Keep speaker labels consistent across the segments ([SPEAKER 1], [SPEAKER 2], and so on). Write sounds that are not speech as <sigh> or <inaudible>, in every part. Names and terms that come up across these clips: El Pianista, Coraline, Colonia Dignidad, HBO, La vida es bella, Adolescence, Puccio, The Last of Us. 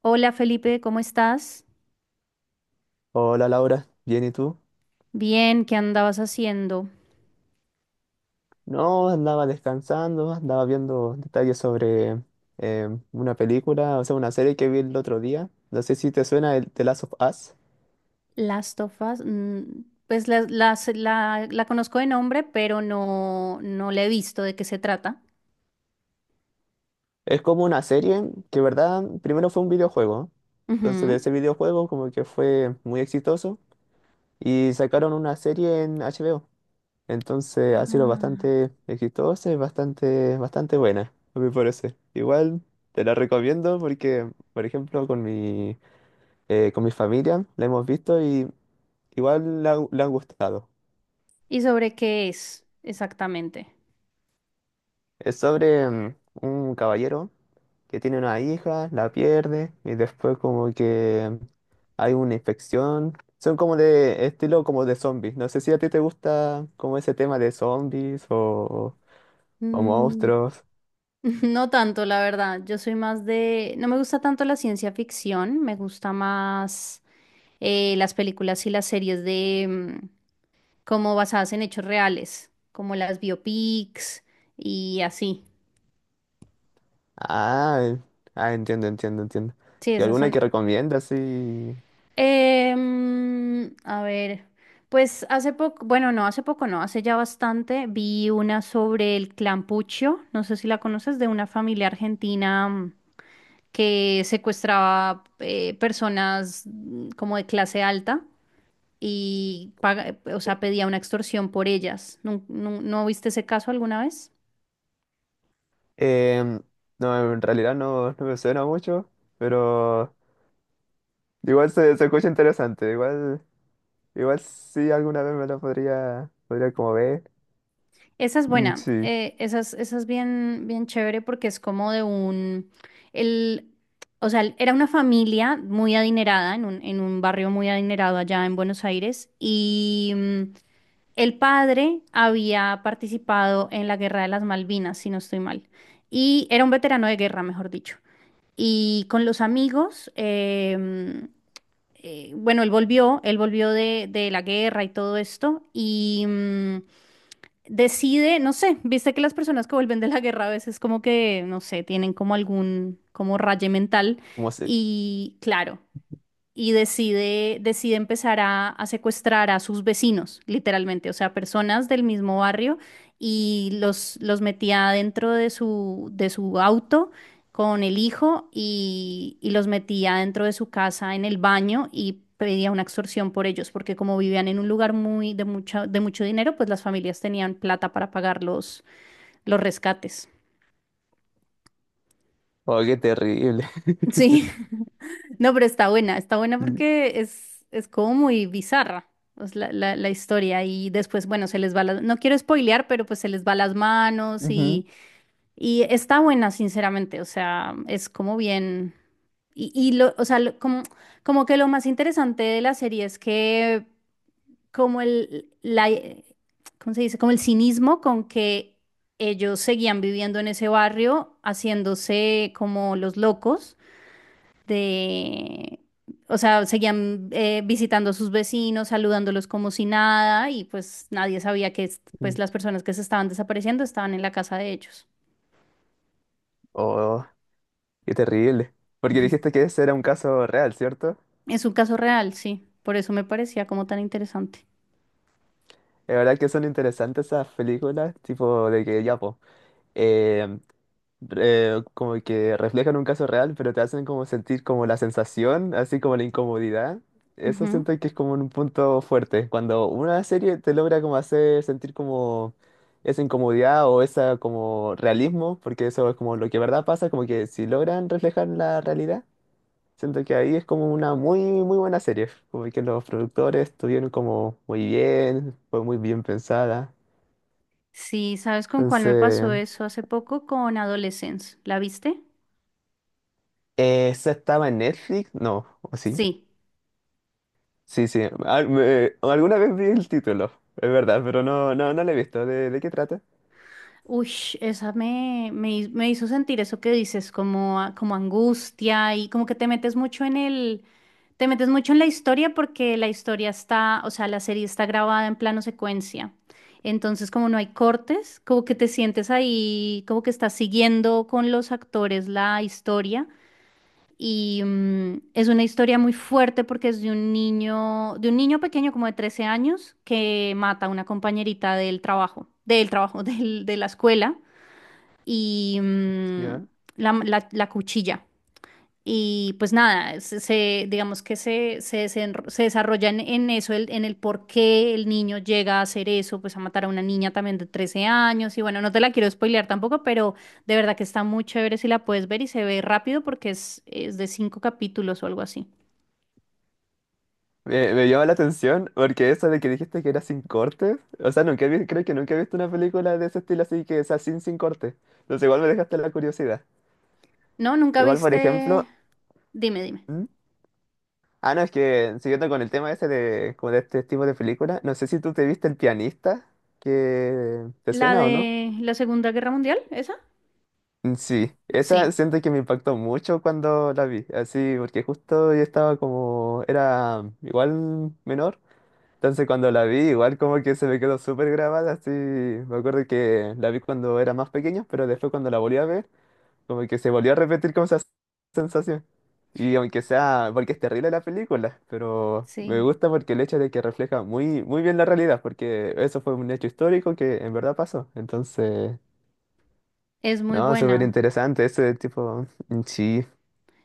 [SPEAKER 1] Hola Felipe, ¿cómo estás?
[SPEAKER 2] Hola Laura, ¿bien y tú?
[SPEAKER 1] Bien, ¿qué andabas haciendo?
[SPEAKER 2] No, andaba descansando, andaba viendo detalles sobre una película, o sea, una serie que vi el otro día. No sé si te suena el The Last of Us.
[SPEAKER 1] Las tofas, pues la conozco de nombre, pero no, no la he visto de qué se trata.
[SPEAKER 2] Es como una serie que, verdad, primero fue un videojuego. Entonces de
[SPEAKER 1] Ujú.
[SPEAKER 2] ese videojuego como que fue muy exitoso y sacaron una serie en HBO. Entonces ha sido
[SPEAKER 1] Ah.
[SPEAKER 2] bastante exitosa y bastante, bastante buena, a mi parecer. Igual te la recomiendo porque, por ejemplo, con mi familia, la hemos visto y igual le han gustado.
[SPEAKER 1] ¿Y sobre qué es exactamente?
[SPEAKER 2] Es sobre un caballero que tiene una hija, la pierde y después como que hay una infección. Son como de estilo como de zombies. No sé si a ti te gusta como ese tema de zombies o
[SPEAKER 1] Mm.
[SPEAKER 2] monstruos.
[SPEAKER 1] <laughs> No tanto, la verdad. Yo soy más de... No me gusta tanto la ciencia ficción, me gusta más las películas y las series de mm, como basadas en hechos reales, como las biopics y así.
[SPEAKER 2] Ah, ah, entiendo, entiendo, entiendo.
[SPEAKER 1] Sí,
[SPEAKER 2] ¿Y
[SPEAKER 1] esas
[SPEAKER 2] alguna
[SPEAKER 1] son.
[SPEAKER 2] que recomiendas? Sí.
[SPEAKER 1] A ver, pues hace poco, bueno, no, hace poco no, hace ya bastante, vi una sobre el clan Puccio, no sé si la conoces, de una familia argentina que secuestraba personas como de clase alta y o sea, pedía una extorsión por ellas. ¿No viste ese caso alguna vez?
[SPEAKER 2] Em, no, en realidad no, no me suena mucho, pero igual se escucha interesante, igual, igual sí alguna vez me lo podría como ver.
[SPEAKER 1] Esa es
[SPEAKER 2] Mm,
[SPEAKER 1] buena,
[SPEAKER 2] sí,
[SPEAKER 1] esa es bien, bien chévere porque es como de el, o sea, era una familia muy adinerada en en un barrio muy adinerado allá en Buenos Aires y el padre había participado en la Guerra de las Malvinas, si no estoy mal, y era un veterano de guerra, mejor dicho. Y con los amigos, bueno, él volvió de la guerra y todo esto, y, decide, no sé, viste que las personas que vuelven de la guerra a veces como que, no sé, tienen como algún, como raye mental
[SPEAKER 2] como se,
[SPEAKER 1] y claro y decide empezar a secuestrar a sus vecinos, literalmente, o sea, personas del mismo barrio, y los metía dentro de de su auto con el hijo y los metía dentro de su casa en el baño y pedía una extorsión por ellos, porque como vivían en un lugar muy de mucha, de mucho dinero, pues las familias tenían plata para pagar los rescates.
[SPEAKER 2] oh, qué terrible. <laughs>
[SPEAKER 1] Sí. No, pero está buena
[SPEAKER 2] Sí.
[SPEAKER 1] porque es como muy bizarra pues, la historia y después, bueno, se les va las, no quiero spoilear, pero pues se les va las manos
[SPEAKER 2] Ujú.
[SPEAKER 1] y está buena, sinceramente, o sea, es como bien, o sea, como que lo más interesante de la serie es que como ¿cómo se dice? Como el cinismo con que ellos seguían viviendo en ese barrio, haciéndose como los locos de, o sea, seguían visitando a sus vecinos, saludándolos como si nada, y pues nadie sabía que pues
[SPEAKER 2] Mm.
[SPEAKER 1] las personas que se estaban desapareciendo estaban en la casa de ellos.
[SPEAKER 2] Oh, qué terrible. Porque dijiste que ese era un caso real, ¿cierto?
[SPEAKER 1] Es un caso real, sí, por eso me parecía como tan interesante.
[SPEAKER 2] Es verdad que son interesantes esas películas, tipo de que ya, pues, como que reflejan un caso real, pero te hacen como sentir como la sensación, así como la incomodidad. Eso
[SPEAKER 1] Ujú.
[SPEAKER 2] siento que es como un punto fuerte, cuando una serie te logra como hacer sentir como esa incomodidad o esa como realismo, porque eso es como lo que verdad pasa, como que si logran reflejar la realidad, siento que ahí es como una muy, muy buena serie, como que los productores estuvieron como muy bien, fue muy bien pensada.
[SPEAKER 1] Sí, ¿sabes con cuál me pasó
[SPEAKER 2] Entonces,
[SPEAKER 1] eso hace poco? Con Adolescence, ¿la viste?
[SPEAKER 2] ¿esa estaba en Netflix? No, ¿o sí?
[SPEAKER 1] Sí.
[SPEAKER 2] Sí, sí. Alguna vez vi el título, es verdad, pero no, no, no lo he visto. ¿De qué trata?
[SPEAKER 1] Uy, esa me, me, hi- me hizo sentir eso que dices, como, como angustia y como que te metes mucho en la historia porque o sea, la serie está grabada en plano secuencia. Entonces, como no hay cortes, como que te sientes ahí, como que estás siguiendo con los actores la historia. Y es una historia muy fuerte porque es de un niño pequeño como de 13 años que mata a una compañerita del trabajo, <laughs> de la escuela y
[SPEAKER 2] Ya.
[SPEAKER 1] la cuchilla. Y pues nada, digamos que se desarrolla en eso, en el por qué el niño llega a hacer eso, pues a matar a una niña también de 13 años. Y bueno, no te la quiero spoilear tampoco, pero de verdad que está muy chévere si la puedes ver y se ve rápido porque es de cinco capítulos o algo así.
[SPEAKER 2] Me llama la atención porque eso de que dijiste que era sin cortes. O sea, nunca he vi- creo que nunca he visto una película de ese estilo así que sea sin, sin cortes. Entonces igual me dejaste la curiosidad.
[SPEAKER 1] No, nunca
[SPEAKER 2] Igual, por
[SPEAKER 1] viste.
[SPEAKER 2] ejemplo...
[SPEAKER 1] Dime, dime.
[SPEAKER 2] ¿Mm? Ah, no, es que siguiendo con el tema ese de, como de este tipo de película, no sé si tú te viste El Pianista, que te
[SPEAKER 1] ¿La
[SPEAKER 2] suena o no.
[SPEAKER 1] de la Segunda Guerra Mundial? ¿Esa?
[SPEAKER 2] Mm, sí, esa
[SPEAKER 1] Sí,
[SPEAKER 2] siento que me impactó mucho cuando la vi, así, porque justo yo estaba como, era igual menor, entonces cuando la vi igual como que se me quedó súper grabada, así, me acuerdo que la vi cuando era más pequeño, pero después cuando la volví a ver, como que se volvió a repetir como esa sensación. Y aunque sea, porque es terrible la película, pero me
[SPEAKER 1] sí.
[SPEAKER 2] gusta porque el hecho de que refleja muy, muy bien la realidad, porque eso fue un hecho histórico que en verdad pasó, entonces...
[SPEAKER 1] Es muy
[SPEAKER 2] No, súper
[SPEAKER 1] buena.
[SPEAKER 2] interesante ese tipo, sí,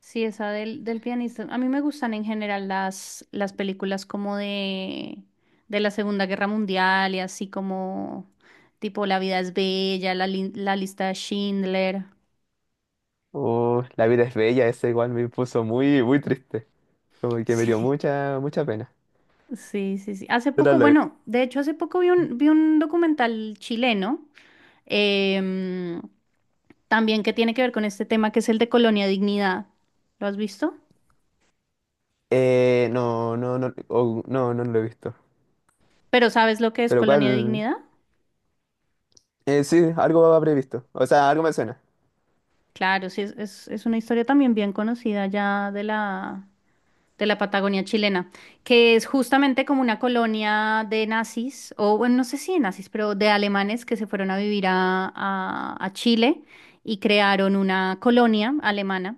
[SPEAKER 1] Sí, esa del pianista. A mí me gustan en general las películas como de la Segunda Guerra Mundial y así como tipo La vida es bella, la lista de Schindler.
[SPEAKER 2] oh, la vida es bella, ese igual me puso muy, muy triste, como que me
[SPEAKER 1] <laughs>
[SPEAKER 2] dio
[SPEAKER 1] Sí,
[SPEAKER 2] mucha, mucha pena.
[SPEAKER 1] sí, sí, sí. Hace
[SPEAKER 2] Pero
[SPEAKER 1] poco,
[SPEAKER 2] lo- has log-
[SPEAKER 1] bueno, de hecho hace poco vi vi un documental chileno em, también que tiene que ver con este tema que es el de Colonia Dignidad. ¿Lo has visto?
[SPEAKER 2] no, no, no, oh, no, no lo he visto.
[SPEAKER 1] Pero ¿sabes lo que es
[SPEAKER 2] Pero
[SPEAKER 1] Colonia
[SPEAKER 2] cuál,
[SPEAKER 1] Dignidad?
[SPEAKER 2] sí, algo habré visto, o sea, algo me suena.
[SPEAKER 1] Claro, sí, es una historia también bien conocida ya de de la Patagonia chilena, que es justamente como una colonia de nazis, o bueno, no sé si de nazis, pero de alemanes que se fueron a vivir a Chile y crearon una colonia alemana.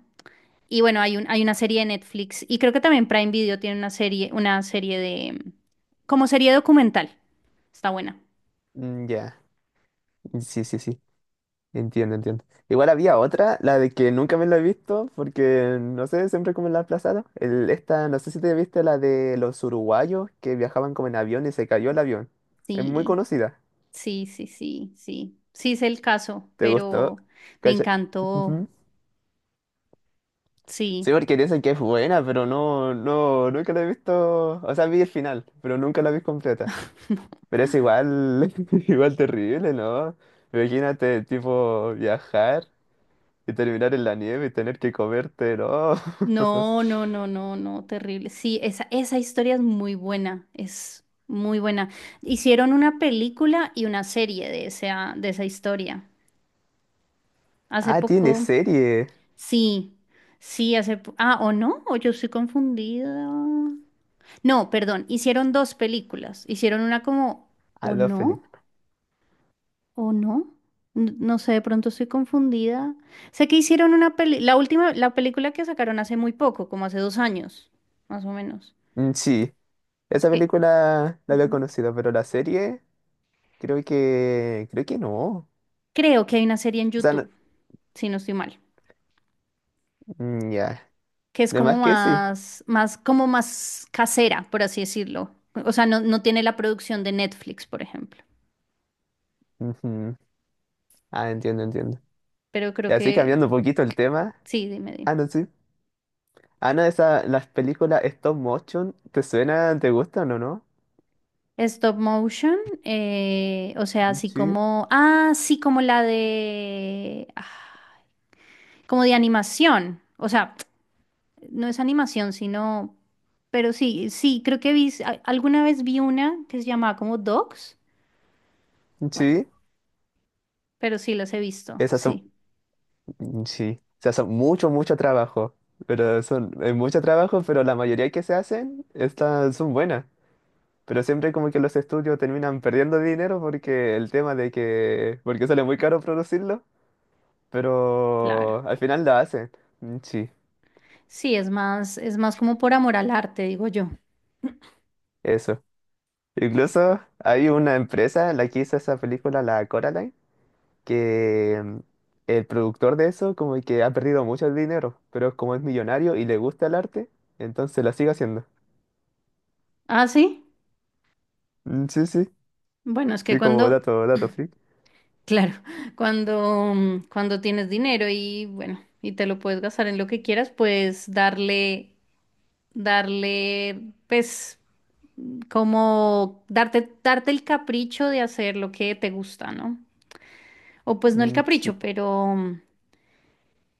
[SPEAKER 1] Y bueno, hay hay una serie de Netflix y creo que también Prime Video tiene una serie de, como serie documental. Está buena.
[SPEAKER 2] Mm, ya, mm, sí, sí, sí, entiendo, entiendo. Igual había otra, la de que nunca me la he visto, porque, no sé, siempre como la he aplazado. El, esta, no sé si te viste la de los uruguayos que viajaban como en avión y se cayó el avión. Es muy
[SPEAKER 1] Sí,
[SPEAKER 2] conocida.
[SPEAKER 1] sí, sí, sí, sí. Sí es el caso,
[SPEAKER 2] ¿Te gustó?
[SPEAKER 1] pero me
[SPEAKER 2] ¿Cacha?
[SPEAKER 1] encantó.
[SPEAKER 2] Ujú.
[SPEAKER 1] Sí.
[SPEAKER 2] Sí, porque dicen que es buena, pero no, no, nunca la he visto. O sea, vi el final, pero nunca la vi completa.
[SPEAKER 1] <laughs>
[SPEAKER 2] Pero es igual, <laughs> igual terrible, ¿no? Imagínate, tipo, viajar y terminar en la nieve y tener que comerte, ¿no? <laughs>
[SPEAKER 1] No, no, no, no, no, terrible. Sí, esa historia es muy buena, es muy buena. Hicieron una película y una serie de esa historia. Hace
[SPEAKER 2] Ah, tiene
[SPEAKER 1] poco,
[SPEAKER 2] serie.
[SPEAKER 1] sí, sí, hace... Ah, ¿o no? ¿O yo estoy confundida? No, perdón, hicieron dos películas. Hicieron una como...
[SPEAKER 2] Ah,
[SPEAKER 1] ¿O
[SPEAKER 2] dos
[SPEAKER 1] no?
[SPEAKER 2] películas.
[SPEAKER 1] ¿O no? No sé, de pronto estoy confundida. Sé que hicieron una peli, la última, la película que sacaron hace muy poco, como hace 2 años, más o menos.
[SPEAKER 2] Mm, sí, esa
[SPEAKER 1] Eh,
[SPEAKER 2] película la había
[SPEAKER 1] ujú.
[SPEAKER 2] conocido, pero la serie creo que no.
[SPEAKER 1] Creo que hay una serie en
[SPEAKER 2] O sea, no-
[SPEAKER 1] YouTube, si no estoy mal,
[SPEAKER 2] mm, ya,
[SPEAKER 1] que es
[SPEAKER 2] de
[SPEAKER 1] como
[SPEAKER 2] más que sí.
[SPEAKER 1] más, más, como más casera, por así decirlo. O sea, no, no tiene la producción de Netflix, por ejemplo.
[SPEAKER 2] Ujú. Ah, entiendo, entiendo.
[SPEAKER 1] Pero
[SPEAKER 2] Y
[SPEAKER 1] creo
[SPEAKER 2] así
[SPEAKER 1] que,
[SPEAKER 2] cambiando un poquito el tema.
[SPEAKER 1] sí, dime,
[SPEAKER 2] Ah,
[SPEAKER 1] dime.
[SPEAKER 2] no, sí. Ana, esa, las películas stop motion, ¿te suenan? ¿Te gustan o no?
[SPEAKER 1] Stop motion, o sea, así
[SPEAKER 2] Sí,
[SPEAKER 1] como, ah, sí, como la de... ah, como de animación. O sea, no es animación, sino, pero sí, sí, creo que vi, alguna vez vi una que se llamaba como Dogs. Bueno,
[SPEAKER 2] sí.
[SPEAKER 1] pero sí las he visto,
[SPEAKER 2] Esas son,
[SPEAKER 1] sí,
[SPEAKER 2] sí. Esas son mucho, mucho trabajo. Pero son, es mucho trabajo, pero la mayoría que se hacen, estas son buenas. Pero siempre como que los estudios terminan perdiendo dinero porque el tema de que, porque sale muy caro producirlo,
[SPEAKER 1] claro.
[SPEAKER 2] pero al final lo hacen. Mm, sí,
[SPEAKER 1] Sí, es más como por amor al arte, digo yo.
[SPEAKER 2] eso. Incluso hay una empresa, la que hizo esa película, la Coraline. Que el productor de eso como que ha perdido mucho el dinero, pero como es millonario y le gusta el arte, entonces la sigue haciendo.
[SPEAKER 1] Ah, sí.
[SPEAKER 2] Mm, sí, sí,
[SPEAKER 1] Bueno, es que
[SPEAKER 2] sí, como
[SPEAKER 1] cuando,
[SPEAKER 2] dato, dato freak.
[SPEAKER 1] claro, <laughs> cuando, cuando tienes dinero y bueno, y te lo puedes gastar en lo que quieras, puedes darle, pues, como darte el capricho de hacer lo que te gusta, ¿no? O pues no el
[SPEAKER 2] Mm,
[SPEAKER 1] capricho,
[SPEAKER 2] sí, po.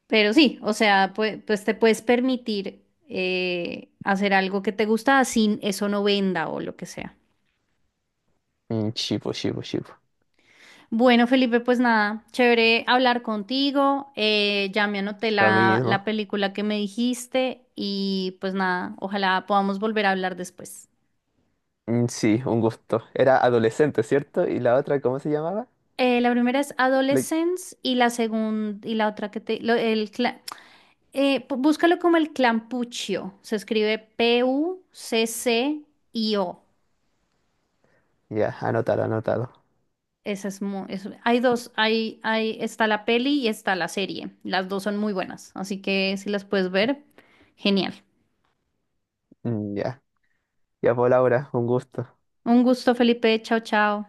[SPEAKER 1] pero sí, o sea, pues, pues te puedes permitir hacer algo que te gusta sin eso no venda o lo que sea.
[SPEAKER 2] Mm, sí, po, sí, po, sí, po.
[SPEAKER 1] Bueno, Felipe, pues nada, chévere hablar contigo. Ya me anoté
[SPEAKER 2] Lo
[SPEAKER 1] la
[SPEAKER 2] mismo.
[SPEAKER 1] película que me dijiste y pues nada, ojalá podamos volver a hablar después.
[SPEAKER 2] Mm, sí, un gusto. Era adolescente, ¿cierto? Y la otra, ¿cómo se llamaba?
[SPEAKER 1] La primera es
[SPEAKER 2] Le-
[SPEAKER 1] Adolescence y la segunda y la otra que te búscalo como el clampuccio. Se escribe PUCCIO.
[SPEAKER 2] ya, anotado, anotado.
[SPEAKER 1] Esa es muy, hay dos, está la peli y está la serie. Las dos son muy buenas, así que si las puedes ver, genial.
[SPEAKER 2] Mm, ya, ya por Laura, un gusto.
[SPEAKER 1] Un gusto, Felipe. Chao, chao.